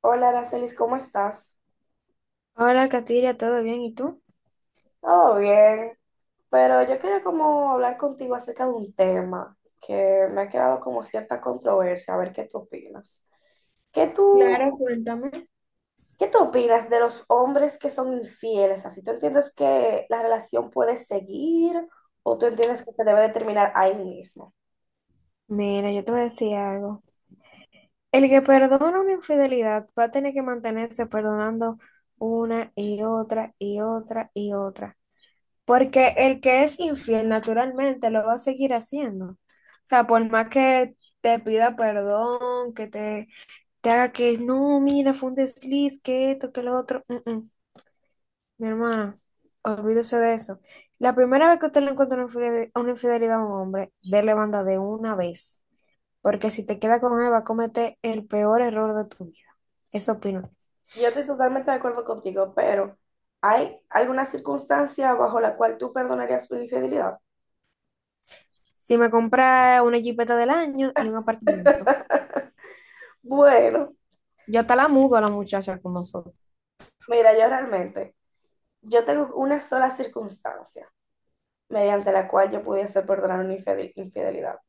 Hola, Aracelis, ¿cómo estás? Hola, Katiria, ¿todo bien? ¿Y tú? Todo bien, pero yo quería como hablar contigo acerca de un tema que me ha creado como cierta controversia, a ver qué tú opinas. ¿Qué tú, Claro, cuéntame. ¿qué tú opinas de los hombres que son infieles? Así, ¿tú entiendes que la relación puede seguir o tú entiendes que se debe de terminar ahí mismo? Mira, yo te voy a decir algo. El que perdona una infidelidad va a tener que mantenerse perdonando una y otra y otra y otra. Porque el que es infiel naturalmente lo va a seguir haciendo. O sea, por más que te pida perdón, te haga que no, mira, fue un desliz, que esto, que lo otro. Mi hermana, olvídese de eso. La primera vez que usted le encuentra una infidelidad a un hombre, déle banda de una vez. Porque si te queda con él, va a cometer el peor error de tu vida. Eso opino. Yo estoy totalmente de acuerdo contigo, pero ¿hay alguna circunstancia bajo la cual tú perdonarías tu infidelidad? Si me compra una jipeta del año y un apartamento, Bueno, yo hasta la mudo a la muchacha con nosotros. mira, yo realmente... yo tengo una sola circunstancia mediante la cual yo pudiese perdonar una infidelidad.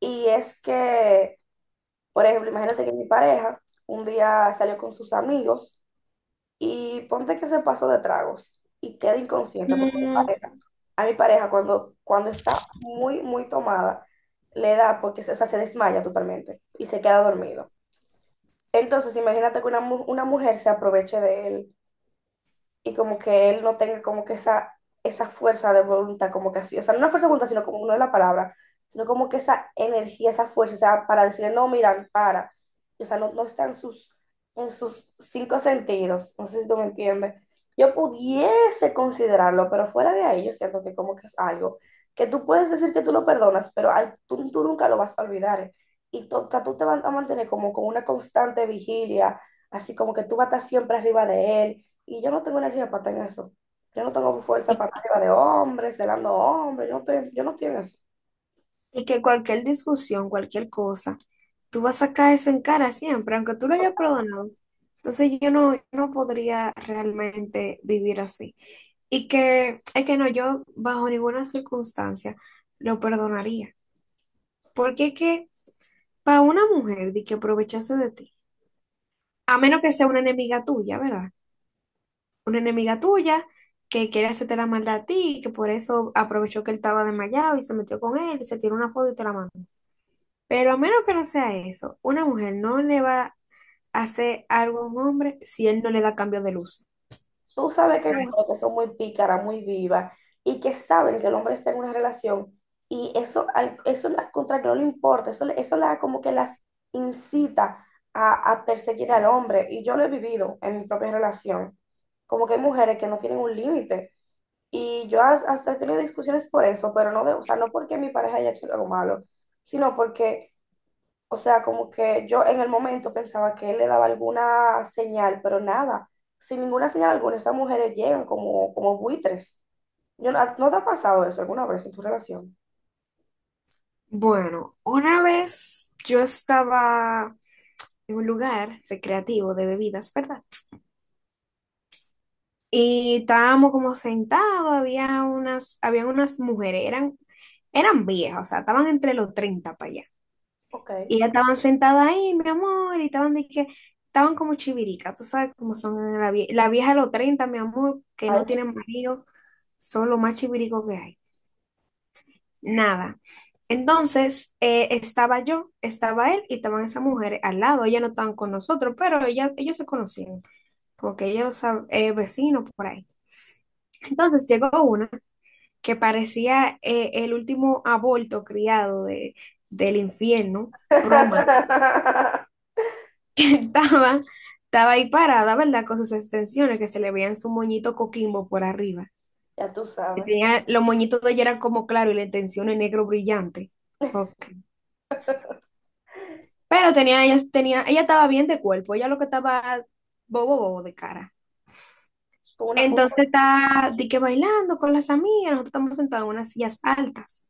Y es que, por ejemplo, imagínate que mi pareja un día salió con sus amigos y ponte que se pasó de tragos y queda inconsciente porque mi Mm, pareja, a mi pareja cuando está muy, muy tomada, le da porque se, o sea, se desmaya totalmente y se queda dormido. Entonces, imagínate que una mujer se aproveche de él y como que él no tenga como que esa fuerza de voluntad, como que así, o sea, no una fuerza de voluntad, sino como no es la palabra, sino como que esa energía, esa fuerza, o sea, para decirle, no, mira, para, o sea, no, no está en sus cinco sentidos, no sé si tú me entiendes. Yo pudiese considerarlo, pero fuera de ahí yo siento que como que es algo que tú puedes decir que tú lo perdonas, pero tú nunca lo vas a olvidar. Y tú te vas a mantener como con una constante vigilia, así como que tú vas a estar siempre arriba de él y yo no tengo energía para estar en eso. Yo no tengo fuerza para estar y, arriba de hombres, celando hombres. Yo no estoy en eso. y que cualquier discusión, cualquier cosa, tú vas a sacar eso en cara siempre, aunque tú lo hayas perdonado. Entonces yo no podría realmente vivir así. Y que es que no, yo bajo ninguna circunstancia lo perdonaría. Porque es que para una mujer de que aprovechase de ti, a menos que sea una enemiga tuya, ¿verdad? Una enemiga tuya que quiere hacerte la maldad a ti y que por eso aprovechó que él estaba desmayado y se metió con él y se tiró una foto y te la mandó. Pero a menos que no sea eso, una mujer no le va a hacer algo a un hombre si él no le da cambio de luz. Tú O sabes que hay sea, mujeres que son muy pícaras, muy vivas y que saben que el hombre está en una relación y eso, al- eso las contra que no le importa, eso, le- eso la, como que las incita a perseguir al hombre. Y yo lo he vivido en mi propia relación. Como que hay mujeres que no tienen un límite. Y yo hasta he tenido discusiones por eso, pero no de, o sea, no porque mi pareja haya hecho algo malo, sino porque, o sea, como que yo en el momento pensaba que él le daba alguna señal, pero nada, sin ninguna señal alguna, esas mujeres llegan como, como buitres. Yo, no, ¿no te ha pasado eso alguna vez en tu relación? bueno, una vez yo estaba en un lugar recreativo de bebidas, ¿verdad? Y estábamos como sentados, habían unas mujeres, eran viejas, o sea, estaban entre los 30 para allá. Ok. Y ya estaban sentadas ahí, mi amor, y estaban como chiviricas, tú sabes cómo son la vieja de los 30, mi amor, que Ay. no tienen marido, son los más chiviricos que hay. Nada. Entonces, estaba yo, estaba él y estaban esas mujeres al lado. Ellas no estaban con nosotros, pero ellos se conocían. Como que vecinos por ahí. Entonces llegó una que parecía el último aborto criado del infierno, proma. Estaba, estaba ahí parada, ¿verdad? Con sus extensiones que se le veían su moñito coquimbo por arriba. Ya tú Que sabes, tenía, los moñitos de ella eran como claro y la extensión en negro brillante. Ok. Pero ella estaba bien de cuerpo, ella lo que estaba bobo, bobo de cara. con una fuga Entonces está di que bailando con las amigas, nosotros estamos sentados en unas sillas altas.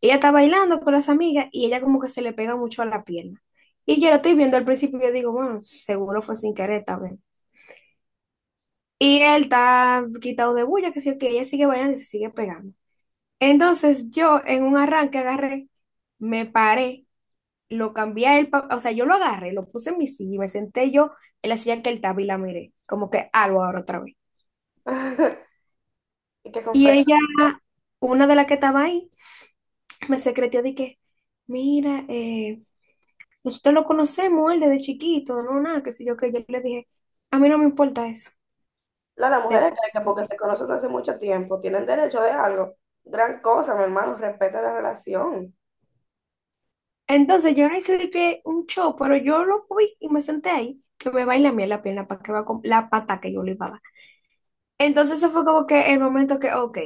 Ella está bailando con las amigas y ella como que se le pega mucho a la pierna. Y yo lo estoy viendo al principio y yo digo, bueno, seguro fue sin querer también. Y él está quitado de bulla, que sí, que ella sigue bailando y se sigue pegando. Entonces yo en un arranque agarré, me paré, lo cambié a él, pa- o sea, yo lo agarré, lo puse en mi silla y me senté yo en la silla que él estaba y la miré, como que algo ahora otra vez. y que son Y fregadas. ella, una de las que estaba ahí, me secretó mira, nosotros lo conocemos, él desde chiquito, no, nada, qué sé yo, que yo le dije, a mí no me importa eso. Las De... mujeres creen que porque se conocen desde hace mucho tiempo, tienen derecho de algo. Gran cosa, mi hermano, respeta la relación. entonces yo no hice de que un show, pero yo lo vi y me senté ahí, que me baila a mí en la pierna para que va con la pata que yo le iba a dar. Entonces eso fue como que el momento que, ok,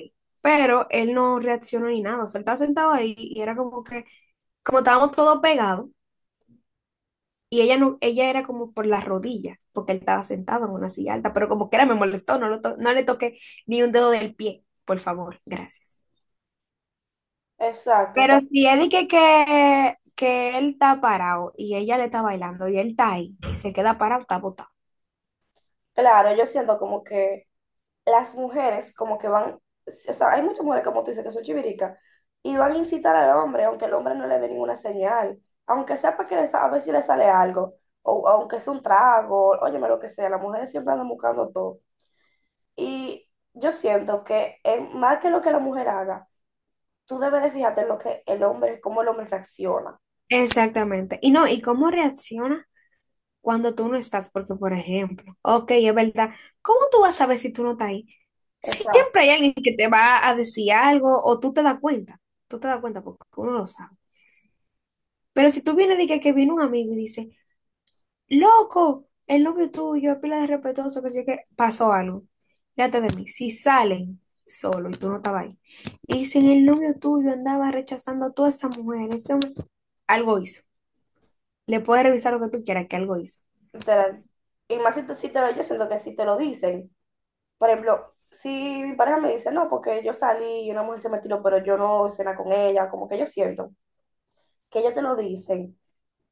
pero él no reaccionó ni nada, o sea, él estaba sentado ahí y era como que, como estábamos todos pegados, y ella no, ella era como por las rodillas, porque él estaba sentado en una silla alta, pero como que era me molestó, no, no le toqué ni un dedo del pie, por favor, gracias. Exacto, o Pero sea, si él dice que él está parado y ella le está bailando y él está ahí y se queda parado, está botado. claro, yo siento como que las mujeres como que van, o sea, hay muchas mujeres como tú dices que son chiviricas y van a incitar al hombre, aunque el hombre no le dé ninguna señal, aunque sepa que le a ver si le sale algo, o aunque sea un trago, óyeme lo que sea, las mujeres siempre andan buscando todo. Y yo siento que más que lo que la mujer haga, tú debes de fijarte en lo que el hombre, cómo el hombre reacciona. Exactamente. Y no, ¿y cómo reacciona cuando tú no estás? Porque, por ejemplo, ok, es verdad, ¿cómo tú vas a saber si tú no estás ahí? Exacto. Siempre hay alguien que te va a decir algo o tú te das cuenta. Tú te das cuenta porque uno lo sabe. Pero si tú vienes y que viene un amigo y dice, loco, el novio tuyo es pila de respetuoso, que si que pasó algo. Fíjate de mí, si salen solo y tú no estabas ahí, y dicen el novio tuyo andaba rechazando a toda esa mujer, ese hombre, algo hizo. Le puedes revisar lo que tú quieras, que algo hizo. Literal. Y más si te lo, yo siento que si te lo dicen. Por ejemplo, si mi pareja me dice, no, porque yo salí y una mujer se me tiró, pero yo no cena con ella, como que yo siento que ellos te lo dicen,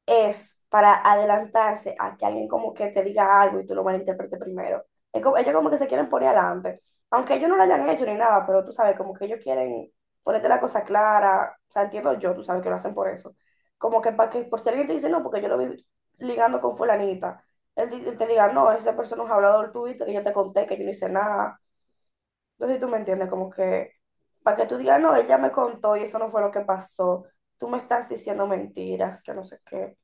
es para adelantarse a que alguien como que te diga algo y tú lo malinterpretes primero. Es como- ellos como que se quieren poner adelante, aunque ellos no lo hayan hecho ni nada, pero tú sabes, como que ellos quieren ponerte la cosa clara, o sea, entiendo yo, tú sabes que lo hacen por eso. Como que para que, por si alguien te dice, no, porque yo lo vi ligando con fulanita, él te diga, no, esa persona es un hablador tuyo, que yo te conté, que yo no hice nada, no sé si tú me entiendes, como que para que tú digas, no, ella me contó y eso no fue lo que pasó. Tú me estás diciendo mentiras, que no sé qué.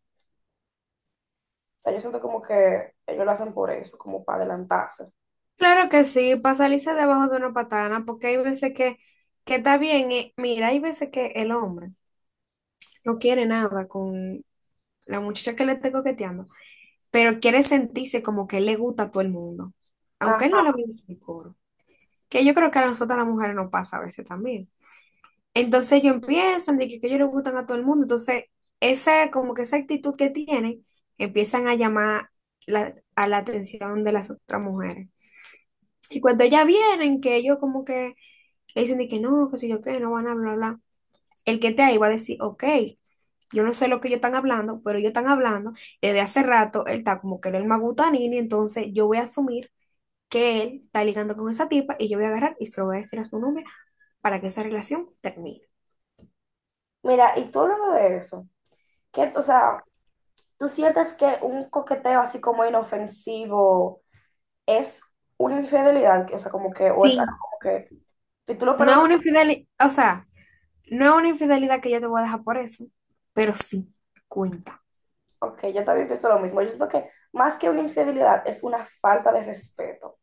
O sea, yo siento como que ellos lo hacen por eso, como para adelantarse. Claro que sí, para salirse debajo de una patana, porque hay veces que está bien, mira, hay veces que el hombre no quiere nada con la muchacha que le esté coqueteando, pero quiere sentirse como que él le gusta a todo el mundo, aunque él no le Ajá. vaya a decir coro. Que yo creo que a nosotras las mujeres nos pasa a veces también. Entonces ellos empiezan de que ellos le gustan a todo el mundo, entonces esa, como que esa actitud que tienen, empiezan a llamar a la atención de las otras mujeres. Y cuando ellas vienen, que ellos como que le dicen de que no, que si yo qué, no van a hablar, bla, bla. El que te ahí va a decir, ok, yo no sé lo que ellos están hablando, pero ellos están hablando, y desde hace rato él está como que él es el magutanini, entonces yo voy a asumir que él está ligando con esa tipa y yo voy a agarrar y se lo voy a decir a su novia para que esa relación termine. Mira, y tú hablando de eso, qué o sea, ¿tú sientes que un coqueteo así como inofensivo es una infidelidad? Que, o sea, como que, o es algo Sí, como que, si tú lo no es perdonas, una infidelidad, o sea, no es una infidelidad que yo te voy a dejar por eso, pero sí cuenta. ok, yo también pienso lo mismo. Yo siento que más que una infidelidad es una falta de respeto.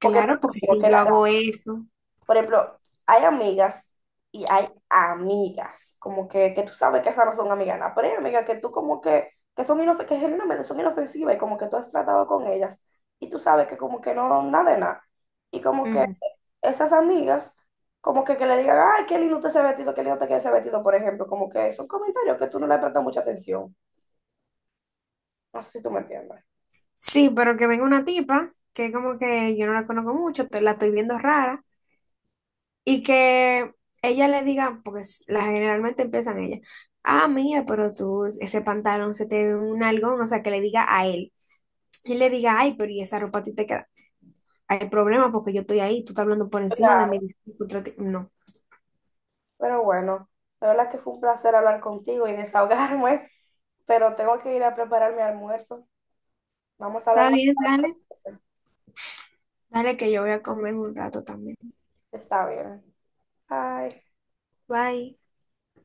Porque no es lo porque mismo si que yo la, hago eso, por ejemplo, hay amigas y hay amigas, como que tú sabes que esas no son amigas, nada, pero hay amigas que tú como que son que genuinamente son inofensivas y como que tú has tratado con ellas y tú sabes que como que no, nada de nada. Y como que ujú. esas amigas, como que le digan, ay, qué lindo te ese vestido, qué lindo te queda ese vestido, por ejemplo, como que son comentarios que tú no le prestas mucha atención. No sé si tú me entiendes. Sí, pero que venga una tipa que como que yo no la conozco mucho, la estoy viendo rara, y que ella le diga, porque la generalmente empiezan ella, ah, mira, pero tú, ese pantalón se te ve un algo, o sea, que le diga a él. Y le diga, ay, pero y esa ropa a ti te queda. Hay problema porque yo estoy ahí, tú estás hablando por encima de mí. Claro, Disculpa, no. pero bueno, la verdad que fue un placer hablar contigo y desahogarme, pero tengo que ir a preparar mi almuerzo. Vamos a hablar Está más. bien, dale. Dale que yo voy a comer un rato también. Está bien. Bye. Bye.